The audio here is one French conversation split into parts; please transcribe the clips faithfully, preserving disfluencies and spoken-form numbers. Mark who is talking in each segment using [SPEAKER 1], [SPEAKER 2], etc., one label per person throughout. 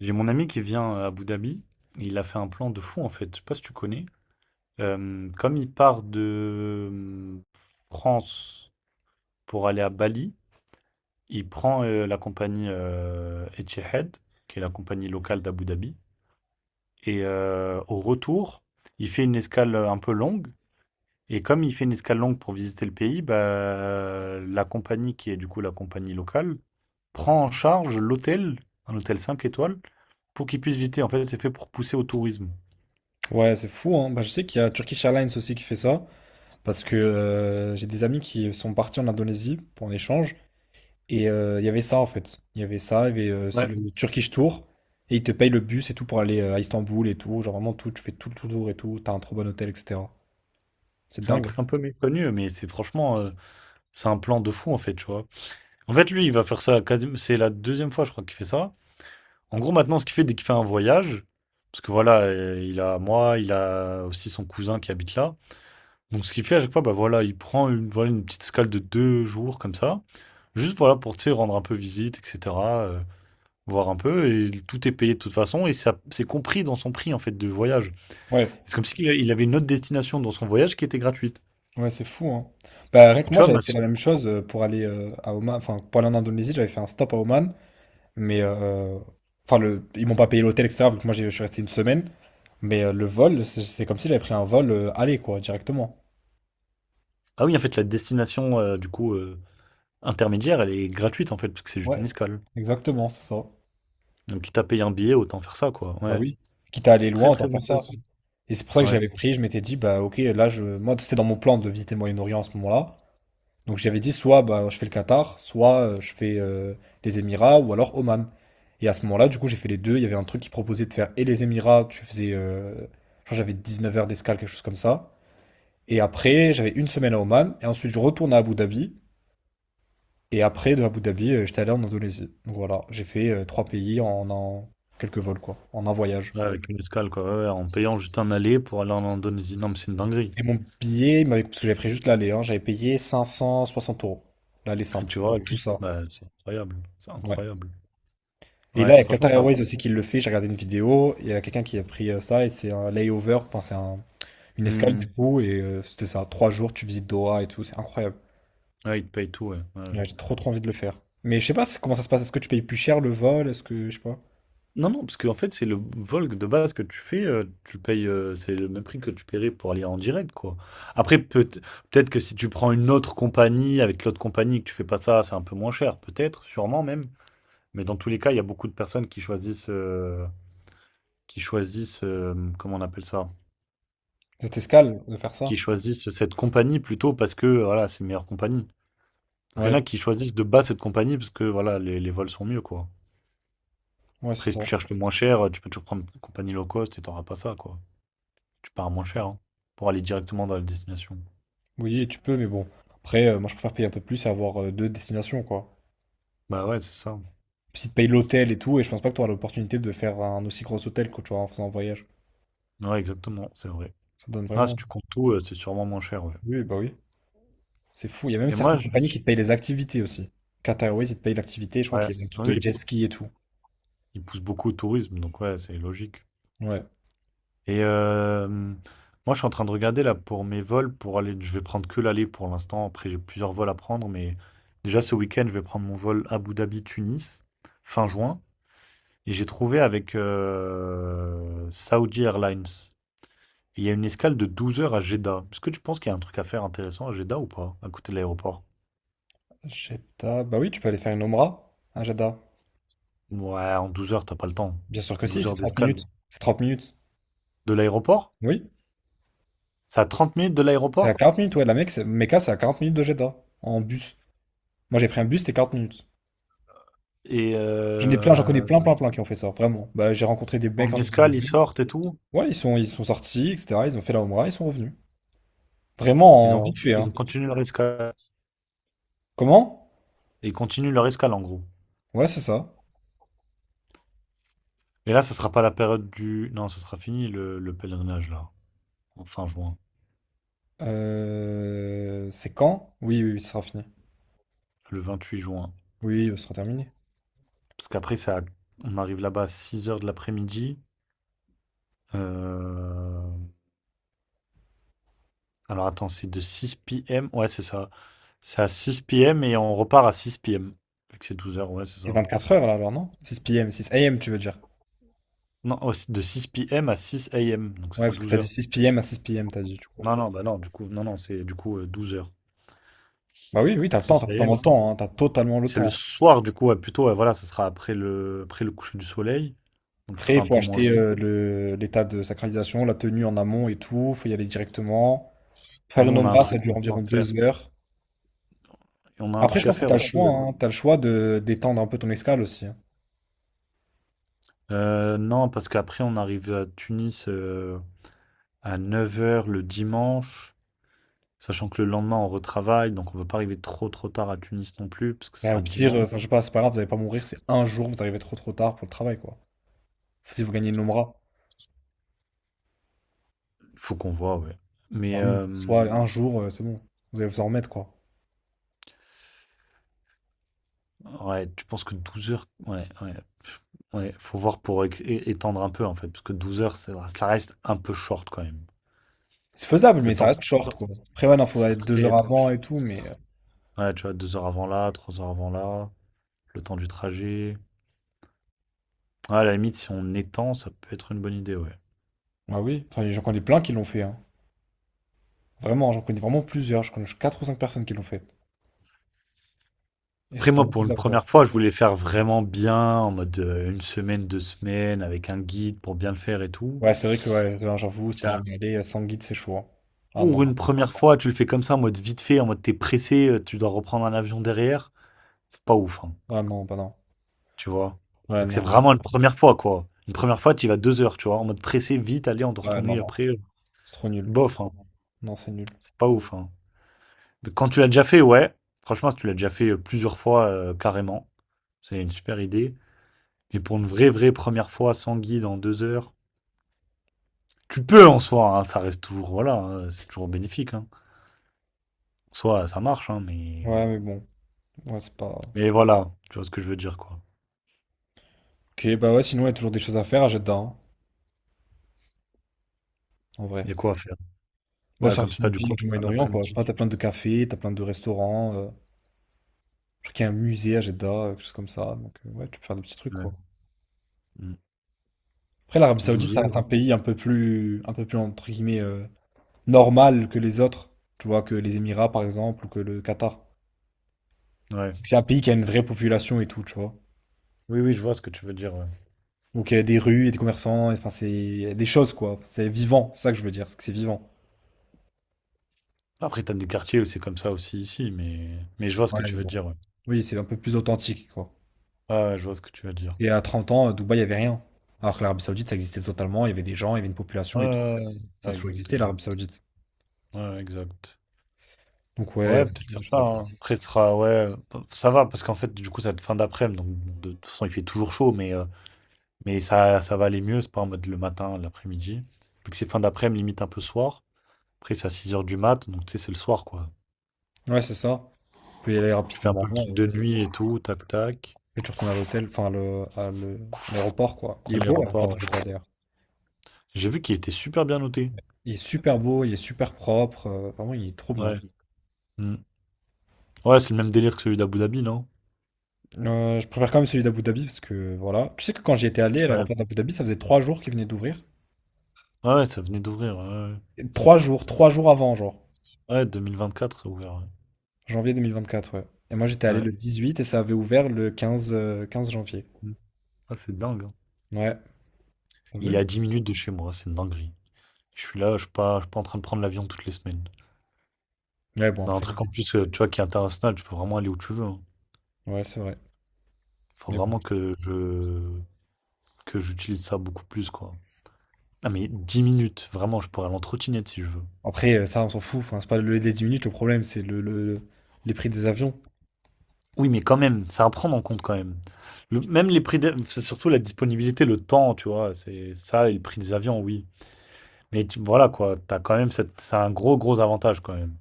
[SPEAKER 1] J'ai mon ami qui vient à Abu Dhabi. Il a fait un plan de fou en fait. Je sais pas si tu connais. Euh, comme il part de euh, France pour aller à Bali, il prend euh, la compagnie euh, Etihad, qui est la compagnie locale d'Abu Dhabi. Et euh, au retour, il fait une escale un peu longue. Et comme il fait une escale longue pour visiter le pays, bah, la compagnie qui est du coup la compagnie locale prend en charge l'hôtel, un hôtel cinq étoiles, pour qu'il puisse visiter. En fait, c'est fait pour pousser au tourisme.
[SPEAKER 2] Ouais, c'est fou, hein. Bah, je sais qu'il y a Turkish Airlines aussi qui fait ça, parce que euh, j'ai des amis qui sont partis en Indonésie pour un échange, et euh, il y avait ça en fait. Il y avait ça, il y avait, euh, c'est
[SPEAKER 1] Ouais,
[SPEAKER 2] le Turkish Tour, et ils te payent le bus et tout pour aller euh, à Istanbul et tout, genre vraiment tout, tu fais tout le tour et tout, t'as un trop bon hôtel, et cetera. C'est
[SPEAKER 1] c'est un
[SPEAKER 2] dingue.
[SPEAKER 1] truc un peu méconnu, mais c'est franchement, euh, c'est un plan de fou en fait, tu vois. En fait, lui, il va faire ça, quasi- c'est la deuxième fois, je crois, qu'il fait ça. En gros, maintenant, ce qu'il fait dès qu'il fait un voyage, parce que voilà, euh, il a moi, il a aussi son cousin qui habite là. Donc, ce qu'il fait à chaque fois, bah voilà, il prend une, voilà, une petite escale de deux jours comme ça, juste voilà pour, tu sais, rendre un peu visite, et cetera, euh, voir un peu, et tout est payé de toute façon, et ça, c'est compris dans son prix en fait de voyage.
[SPEAKER 2] Ouais,
[SPEAKER 1] C'est comme s'il il avait une autre destination dans son voyage qui était gratuite.
[SPEAKER 2] ouais, c'est fou, hein. Bah, rien
[SPEAKER 1] Et
[SPEAKER 2] que
[SPEAKER 1] tu
[SPEAKER 2] moi,
[SPEAKER 1] vois,
[SPEAKER 2] j'avais
[SPEAKER 1] ma,
[SPEAKER 2] fait la même chose euh, pour aller euh, à Oman, enfin, pour aller en Indonésie, j'avais fait un stop à Oman. Mais euh, enfin, le, ils m'ont pas payé l'hôtel, et cetera. Vu que moi, j'ai- je suis resté une semaine. Mais euh, le vol, c'est c'est comme si j'avais pris un vol euh, aller, quoi, directement.
[SPEAKER 1] ah oui, en fait, la destination, heu, du coup, heu, intermédiaire, elle est gratuite, en fait, parce que c'est juste une
[SPEAKER 2] Ouais,
[SPEAKER 1] escale.
[SPEAKER 2] exactement, c'est ça.
[SPEAKER 1] Donc quitte à payer un billet, autant faire ça, quoi.
[SPEAKER 2] Bah
[SPEAKER 1] Ouais,
[SPEAKER 2] oui. Quitte à aller loin,
[SPEAKER 1] très,
[SPEAKER 2] autant
[SPEAKER 1] très
[SPEAKER 2] faire
[SPEAKER 1] bonne
[SPEAKER 2] ça.
[SPEAKER 1] place.
[SPEAKER 2] Et c'est pour ça que
[SPEAKER 1] Ouais,
[SPEAKER 2] j'avais pris, je m'étais dit, bah ok, là, je, moi, c'était dans mon plan de visiter le Moyen-Orient à ce moment-là. Donc j'avais dit, soit bah, je fais le Qatar, soit euh, je fais euh, les Émirats, ou alors Oman. Et à ce moment-là, du coup, j'ai fait les deux. Il y avait un truc qui proposait de faire et les Émirats, tu faisais, euh, je crois que j'avais 19 heures d'escale, quelque chose comme ça. Et après, j'avais une semaine à Oman, et ensuite je retourne à Abu Dhabi. Et après, de Abu Dhabi, euh, j'étais allé en Indonésie. Donc voilà, j'ai fait euh, trois pays en, en quelques vols, quoi, en un voyage.
[SPEAKER 1] ouais, avec une escale, quoi. Ouais, ouais, en payant juste un aller pour aller en Indonésie. Non, mais c'est une dinguerie.
[SPEAKER 2] Et mon billet, il m'avait- parce que j'avais pris juste l'aller, hein, j'avais payé cinq cent soixante euros. L'aller
[SPEAKER 1] Et
[SPEAKER 2] simple,
[SPEAKER 1] tu
[SPEAKER 2] pour
[SPEAKER 1] vois,
[SPEAKER 2] tout
[SPEAKER 1] juste,
[SPEAKER 2] ça.
[SPEAKER 1] bah, c'est incroyable, c'est
[SPEAKER 2] Ouais.
[SPEAKER 1] incroyable.
[SPEAKER 2] Et là,
[SPEAKER 1] Ouais,
[SPEAKER 2] il y a
[SPEAKER 1] franchement,
[SPEAKER 2] Qatar
[SPEAKER 1] c'est un
[SPEAKER 2] Airways
[SPEAKER 1] truc.
[SPEAKER 2] aussi qui le fait. J'ai regardé une vidéo, il y a quelqu'un qui a pris euh, ça, et c'est un layover, enfin, c'est un- une escale du
[SPEAKER 1] Mmh.
[SPEAKER 2] coup, et euh, c'était ça. Trois jours, tu visites Doha et tout, c'est incroyable.
[SPEAKER 1] Ouais, ils te payent tout, ouais. Ouais, ouais.
[SPEAKER 2] Ouais, j'ai trop trop envie de le faire. Mais je sais pas c'est- comment ça se passe. Est-ce que tu payes plus cher le vol? Est-ce que, je sais pas.
[SPEAKER 1] Non, non, parce qu'en fait, c'est le vol de base que tu fais, euh, tu le payes, euh, c'est le même prix que tu paierais pour aller en direct, quoi. Après, peut- peut-être que si tu prends une autre compagnie, avec l'autre compagnie, que tu fais pas ça, c'est un peu moins cher, peut-être, sûrement même. Mais dans tous les cas, il y a beaucoup de personnes qui choisissent, euh, qui choisissent, euh, comment on appelle ça?
[SPEAKER 2] De escale, de faire
[SPEAKER 1] Qui
[SPEAKER 2] ça?
[SPEAKER 1] choisissent cette compagnie plutôt parce que, voilà, c'est une meilleure compagnie. Donc, il y en
[SPEAKER 2] Ouais,
[SPEAKER 1] a qui choisissent de base cette compagnie parce que, voilà, les, les vols sont mieux, quoi.
[SPEAKER 2] ouais, c'est
[SPEAKER 1] Après, si tu
[SPEAKER 2] ça.
[SPEAKER 1] cherches le moins cher, tu peux toujours prendre une compagnie low cost et t'auras pas ça, quoi. Tu pars moins cher, hein, pour aller directement dans la destination.
[SPEAKER 2] Oui, tu peux, mais bon. Après, euh, moi, je préfère payer un peu plus et avoir euh, deux destinations, quoi.
[SPEAKER 1] Bah ouais, c'est ça.
[SPEAKER 2] Puis si tu payes l'hôtel et tout, et je pense pas que tu auras l'opportunité de faire un aussi gros hôtel que tu auras en faisant un voyage.
[SPEAKER 1] Ouais, exactement, c'est vrai.
[SPEAKER 2] Ça donne
[SPEAKER 1] Ah, si
[SPEAKER 2] vraiment.
[SPEAKER 1] tu comptes tout, euh, c'est sûrement moins cher, ouais.
[SPEAKER 2] Oui, bah oui. C'est fou. Il y a même
[SPEAKER 1] Et moi,
[SPEAKER 2] certaines
[SPEAKER 1] je
[SPEAKER 2] compagnies qui
[SPEAKER 1] suis.
[SPEAKER 2] te payent les activités aussi. Qatar Airways, ils te payent l'activité. Je crois
[SPEAKER 1] Ouais,
[SPEAKER 2] qu'il y a un truc
[SPEAKER 1] ah oui,
[SPEAKER 2] de jet
[SPEAKER 1] parce
[SPEAKER 2] ski et tout.
[SPEAKER 1] qu'ils poussent beaucoup au tourisme, donc ouais, c'est logique.
[SPEAKER 2] Ouais.
[SPEAKER 1] Et euh, moi, je suis en train de regarder, là, pour mes vols, pour aller. Je vais prendre que l'aller pour l'instant. Après, j'ai plusieurs vols à prendre, mais déjà, ce week-end, je vais prendre mon vol Abu Dhabi-Tunis, fin juin. Et j'ai trouvé avec euh, Saudi Airlines. Il y a une escale de douze heures à Jeddah. Est-ce que tu penses qu'il y a un truc à faire intéressant à Jeddah ou pas, à côté de l'aéroport?
[SPEAKER 2] Jeddah. Bah oui, tu peux aller faire une Omra à Jeddah.
[SPEAKER 1] Ouais, en douze heures, t'as pas le temps.
[SPEAKER 2] Bien sûr que si,
[SPEAKER 1] Douze
[SPEAKER 2] c'est
[SPEAKER 1] heures
[SPEAKER 2] trente minutes.
[SPEAKER 1] d'escale.
[SPEAKER 2] C'est trente minutes.
[SPEAKER 1] De l'aéroport?
[SPEAKER 2] Oui.
[SPEAKER 1] C'est à trente minutes de
[SPEAKER 2] C'est à
[SPEAKER 1] l'aéroport?
[SPEAKER 2] quarante minutes, ouais. La Mecque, c'est- Mecca, c'est à quarante minutes de Jeddah. En bus. Moi, j'ai pris un bus, c'était quarante minutes.
[SPEAKER 1] Et
[SPEAKER 2] J'en ai plein, j'en connais
[SPEAKER 1] euh,
[SPEAKER 2] plein, plein, plein qui ont fait ça, vraiment. Bah, j'ai rencontré des
[SPEAKER 1] ils font
[SPEAKER 2] mecs en
[SPEAKER 1] une escale, ils
[SPEAKER 2] Indonésie.
[SPEAKER 1] sortent et tout.
[SPEAKER 2] Ouais, ils sont, ils sont sortis, et cetera. Ils ont fait la Oumra, ils sont revenus. Vraiment,
[SPEAKER 1] Ils
[SPEAKER 2] en
[SPEAKER 1] ont,
[SPEAKER 2] vite fait,
[SPEAKER 1] ils
[SPEAKER 2] hein.
[SPEAKER 1] ont continué leur escale.
[SPEAKER 2] Comment?
[SPEAKER 1] Ils continuent leur escale en gros.
[SPEAKER 2] Ouais, c'est ça.
[SPEAKER 1] Et là, ça sera pas la période du. Non, ça sera fini le, le pèlerinage là, en fin juin,
[SPEAKER 2] Euh, C'est quand? Oui, oui, oui, ce sera fini.
[SPEAKER 1] le vingt-huit juin.
[SPEAKER 2] Oui, oui, ce sera terminé.
[SPEAKER 1] Parce qu'après, ça, on arrive là-bas à six heures de l'après-midi. Euh, Alors attends, c'est de six p m. Ouais, c'est ça. C'est à six p m et on repart à six p m. Vu que c'est douze heures, ouais, c'est
[SPEAKER 2] C'est
[SPEAKER 1] ça.
[SPEAKER 2] 24 heures, là, alors, non? six p m, six a m, tu veux dire.
[SPEAKER 1] Non, oh, c'est de six p m à six a m. Donc ça
[SPEAKER 2] Ouais,
[SPEAKER 1] fait
[SPEAKER 2] parce que
[SPEAKER 1] douze
[SPEAKER 2] t'as dit
[SPEAKER 1] heures.
[SPEAKER 2] six p m à six p m, t'as dit, du coup.
[SPEAKER 1] Non, non, bah non, du coup, non, non, c'est du coup euh, douze heures.
[SPEAKER 2] Bah oui, oui, t'as le temps, t'as
[SPEAKER 1] six a m,
[SPEAKER 2] totalement le
[SPEAKER 1] c'est
[SPEAKER 2] temps, hein, t'as totalement le
[SPEAKER 1] c'est le
[SPEAKER 2] temps.
[SPEAKER 1] soir, du coup, ouais, plutôt, ouais, voilà, ça sera après le, après le coucher du soleil. Donc il
[SPEAKER 2] Après,
[SPEAKER 1] fera
[SPEAKER 2] il
[SPEAKER 1] un
[SPEAKER 2] faut
[SPEAKER 1] peu moins
[SPEAKER 2] acheter
[SPEAKER 1] chaud.
[SPEAKER 2] euh, le, l'état de sacralisation, la tenue en amont et tout, faut y aller directement. Faire
[SPEAKER 1] Nous,
[SPEAKER 2] une
[SPEAKER 1] on a un
[SPEAKER 2] omra, ça
[SPEAKER 1] truc
[SPEAKER 2] dure
[SPEAKER 1] maintenant
[SPEAKER 2] environ
[SPEAKER 1] à faire.
[SPEAKER 2] deux heures.
[SPEAKER 1] Et on a un
[SPEAKER 2] Après, je
[SPEAKER 1] truc à
[SPEAKER 2] pense que
[SPEAKER 1] faire
[SPEAKER 2] t'as le
[SPEAKER 1] aussi,
[SPEAKER 2] choix,
[SPEAKER 1] ouais.
[SPEAKER 2] hein. T'as le choix de d'étendre un peu ton escale aussi, hein.
[SPEAKER 1] Euh, non, parce qu'après, on arrive à Tunis euh, à neuf heures le dimanche. Sachant que le lendemain, on retravaille, donc on ne veut pas arriver trop trop tard à Tunis non plus, parce que ce
[SPEAKER 2] Et
[SPEAKER 1] sera
[SPEAKER 2] au
[SPEAKER 1] le
[SPEAKER 2] pire, euh,
[SPEAKER 1] dimanche.
[SPEAKER 2] enfin, je sais pas, c'est pas grave, vous allez pas mourir, c'est un jour, vous arrivez trop trop tard pour le travail, quoi. Si vous gagnez le Nomra,
[SPEAKER 1] Il faut qu'on voit, ouais.
[SPEAKER 2] bah
[SPEAKER 1] Mais
[SPEAKER 2] oui,
[SPEAKER 1] euh,
[SPEAKER 2] soit un jour, euh, c'est bon, vous allez vous en remettre, quoi.
[SPEAKER 1] ouais, tu penses que douze heures, ouais, ouais, pff, ouais, faut voir pour é- é- étendre un peu en fait, parce que douze heures, ça, ça reste un peu short quand même.
[SPEAKER 2] C'est faisable,
[SPEAKER 1] Le
[SPEAKER 2] mais ça
[SPEAKER 1] temps,
[SPEAKER 2] reste short, quoi. Après, ouais, non, faut
[SPEAKER 1] c'est
[SPEAKER 2] être deux
[SPEAKER 1] très,
[SPEAKER 2] heures
[SPEAKER 1] très
[SPEAKER 2] avant
[SPEAKER 1] short.
[SPEAKER 2] et tout, mais, euh,
[SPEAKER 1] Ouais, tu vois, deux heures avant là, trois heures avant là, le temps du trajet. Ouais, à la limite, si on étend, ça peut être une bonne idée, ouais.
[SPEAKER 2] bah oui, enfin, j'en connais plein qui l'ont fait, hein. Vraiment, j'en connais vraiment plusieurs, je connais quatre ou cinq personnes qui l'ont fait. Et c'est
[SPEAKER 1] Après, moi,
[SPEAKER 2] totalement
[SPEAKER 1] pour une
[SPEAKER 2] faisable, quoi.
[SPEAKER 1] première fois, je voulais faire vraiment bien, en mode euh, une semaine, deux semaines, avec un guide pour bien le faire et tout.
[SPEAKER 2] Ouais, c'est vrai que, ouais, j'avoue, si t'es
[SPEAKER 1] Tiens.
[SPEAKER 2] jamais allé, euh, sans guide, c'est chaud, hein. Ah non,
[SPEAKER 1] Pour
[SPEAKER 2] non.
[SPEAKER 1] une première fois, tu le fais comme ça, en mode vite fait, en mode t'es pressé, euh, tu dois reprendre un avion derrière. C'est pas ouf, hein,
[SPEAKER 2] Ah non, bah non.
[SPEAKER 1] tu vois.
[SPEAKER 2] Ouais,
[SPEAKER 1] Parce que c'est
[SPEAKER 2] non, non.
[SPEAKER 1] vraiment une première fois, quoi. Une première fois, tu y vas deux heures, tu vois, en mode pressé, vite, allez, on doit
[SPEAKER 2] Ouais, non,
[SPEAKER 1] retourner
[SPEAKER 2] non.
[SPEAKER 1] après. euh,
[SPEAKER 2] C'est trop nul.
[SPEAKER 1] Bof, hein.
[SPEAKER 2] Non, c'est nul.
[SPEAKER 1] C'est pas ouf, hein. Mais quand tu l'as déjà fait, ouais. Franchement, si tu l'as déjà fait euh, plusieurs fois, euh, carrément, c'est une super idée. Mais pour une vraie, vraie première fois sans guide en deux heures, tu peux en soi, hein, ça reste toujours, voilà, hein, c'est toujours bénéfique. Hein. En soi, ça marche, hein, mais...
[SPEAKER 2] Ouais, mais bon, ouais, c'est pas.
[SPEAKER 1] mais voilà, tu vois ce que je veux dire, quoi.
[SPEAKER 2] Ok, bah ouais, sinon il y a toujours des choses à faire à Jeddah, hein, en vrai.
[SPEAKER 1] Il y a quoi à faire?
[SPEAKER 2] Bon,
[SPEAKER 1] Là,
[SPEAKER 2] ça
[SPEAKER 1] comme
[SPEAKER 2] reste une
[SPEAKER 1] ça, du
[SPEAKER 2] ville
[SPEAKER 1] coup,
[SPEAKER 2] du
[SPEAKER 1] à
[SPEAKER 2] Moyen-Orient, quoi. Je sais
[SPEAKER 1] l'après-midi.
[SPEAKER 2] pas, t'as plein de cafés, t'as plein de restaurants. euh, Je crois qu'il y a un musée à Jeddah, euh, quelque chose comme ça. Donc euh, ouais, tu peux faire des petits trucs,
[SPEAKER 1] Ouais.
[SPEAKER 2] quoi.
[SPEAKER 1] Mm.
[SPEAKER 2] Après, l'Arabie Saoudite,
[SPEAKER 1] douze
[SPEAKER 2] ça reste
[SPEAKER 1] heures.
[SPEAKER 2] un pays un peu plus, un peu plus entre guillemets euh, normal que les autres. Tu vois, que les Émirats, par exemple, ou que le Qatar.
[SPEAKER 1] Ouais.
[SPEAKER 2] C'est un pays qui a une vraie population et tout, tu vois.
[SPEAKER 1] Oui, oui, je vois ce que tu veux dire, ouais.
[SPEAKER 2] Donc il y a des rues, il y a des commerçants, et- enfin c'est il y a des choses, quoi. C'est vivant, c'est ça que je veux dire, c'est que c'est vivant.
[SPEAKER 1] Après, t'as des quartiers où c'est comme ça aussi ici, mais... mais je vois ce
[SPEAKER 2] Ouais,
[SPEAKER 1] que
[SPEAKER 2] mais
[SPEAKER 1] tu veux
[SPEAKER 2] bon.
[SPEAKER 1] dire, ouais.
[SPEAKER 2] Oui, c'est un peu plus authentique, quoi.
[SPEAKER 1] Ouais, ouais, je vois ce que tu veux dire.
[SPEAKER 2] Et à 30 ans, à Dubaï, il y avait rien. Alors que l'Arabie Saoudite, ça existait totalement. Il y avait des gens, il y avait une population
[SPEAKER 1] Ouais,
[SPEAKER 2] et tout.
[SPEAKER 1] ouais, ouais.
[SPEAKER 2] Ça a
[SPEAKER 1] Ouais,
[SPEAKER 2] toujours
[SPEAKER 1] exact,
[SPEAKER 2] existé,
[SPEAKER 1] exact.
[SPEAKER 2] l'Arabie Saoudite.
[SPEAKER 1] Ouais, ouais, exact.
[SPEAKER 2] Donc, ouais,
[SPEAKER 1] Ouais,
[SPEAKER 2] on a
[SPEAKER 1] peut-être
[SPEAKER 2] toujours des
[SPEAKER 1] faire
[SPEAKER 2] choses
[SPEAKER 1] ça,
[SPEAKER 2] à faire.
[SPEAKER 1] hein. Après, ce sera, ouais, ça va, parce qu'en fait, du coup, ça va être fin d'après-midi, donc de toute façon, il fait toujours chaud, mais euh, Mais ça, ça va aller mieux, c'est pas en mode le matin, l'après-midi. Vu que c'est fin d'après-midi, limite un peu soir. Après, c'est à six heures du mat, donc tu sais, c'est le soir, quoi.
[SPEAKER 2] Ouais, c'est ça. Tu peux y aller
[SPEAKER 1] Tu fais un peu
[SPEAKER 2] rapidement
[SPEAKER 1] le truc
[SPEAKER 2] et,
[SPEAKER 1] de nuit et tout, tac, tac.
[SPEAKER 2] et tu retournes à l'hôtel, enfin, le, à le- l'aéroport, quoi. Il
[SPEAKER 1] À
[SPEAKER 2] est beau, l'aéroport
[SPEAKER 1] l'aéroport,
[SPEAKER 2] de
[SPEAKER 1] ouais.
[SPEAKER 2] Dubaï, d'ailleurs.
[SPEAKER 1] J'ai vu qu'il était super bien noté.
[SPEAKER 2] Il est super beau, il est super propre. Euh, vraiment, il est trop bien.
[SPEAKER 1] Ouais. Mm. Ouais, c'est le même délire que celui d'Abu Dhabi, non?
[SPEAKER 2] Euh, je préfère quand même celui d'Abu Dhabi parce que voilà. Tu sais que quand j'y étais allé à
[SPEAKER 1] Ouais.
[SPEAKER 2] l'aéroport d'Abu Dhabi, ça faisait trois jours qu'il venait d'ouvrir.
[SPEAKER 1] Ouais, ouais, ça venait d'ouvrir. Ouais, ouais.
[SPEAKER 2] Et trois jours, trois jours avant, genre.
[SPEAKER 1] Ouais, deux mille vingt-quatre, ça a ouvert. Ouais.
[SPEAKER 2] Janvier deux mille vingt-quatre, ouais. Et moi j'étais allé
[SPEAKER 1] Ouais.
[SPEAKER 2] le dix-huit et ça avait ouvert le quinze, euh, quinze janvier.
[SPEAKER 1] Mm. Ah, c'est dingue, hein.
[SPEAKER 2] Ouais, t'as
[SPEAKER 1] Il
[SPEAKER 2] vu?
[SPEAKER 1] est à dix minutes de chez moi, c'est une dinguerie. Je suis là, je suis pas, je suis pas en train de prendre l'avion toutes les semaines.
[SPEAKER 2] Ouais, bon,
[SPEAKER 1] Dans un
[SPEAKER 2] après,
[SPEAKER 1] truc en plus, euh, tu vois, qui est international, tu peux vraiment aller où tu veux, hein.
[SPEAKER 2] ouais, c'est vrai.
[SPEAKER 1] Faut
[SPEAKER 2] Mais bon.
[SPEAKER 1] vraiment que je que j'utilise ça beaucoup plus, quoi. Ah mais dix minutes, vraiment, je pourrais l'entretinette si je veux.
[SPEAKER 2] Après, euh, ça, on s'en fout. Enfin, c'est pas le délai, les dix minutes, le problème, c'est le, le- les prix des avions.
[SPEAKER 1] Oui, mais quand même, c'est à prendre en compte quand même. Le- même les prix, des- c'est surtout la disponibilité, le temps, tu vois, c'est ça et le prix des avions, oui. Mais tu- voilà quoi, t'as quand même cette, c'est un gros gros avantage quand même.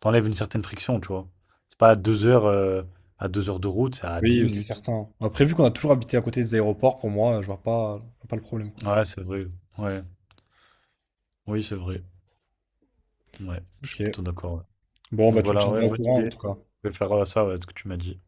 [SPEAKER 1] T'enlèves une certaine friction, tu vois. C'est pas à deux heures, euh, à deux heures de route, c'est à dix
[SPEAKER 2] Oui, euh, c'est
[SPEAKER 1] minutes.
[SPEAKER 2] certain. Après, vu qu'on a toujours habité à côté des aéroports, pour moi, euh, je vois pas, je vois pas le problème, quoi.
[SPEAKER 1] Ouais, c'est vrai. Ouais, oui, c'est vrai. Ouais, je suis
[SPEAKER 2] Ok.
[SPEAKER 1] plutôt d'accord, ouais.
[SPEAKER 2] Bon,
[SPEAKER 1] Donc
[SPEAKER 2] bah, tu me
[SPEAKER 1] voilà, ouais,
[SPEAKER 2] tiendras au
[SPEAKER 1] bonne
[SPEAKER 2] courant, en
[SPEAKER 1] idée.
[SPEAKER 2] tout cas.
[SPEAKER 1] Je vais faire euh, ça, ouais, ce que tu m'as dit.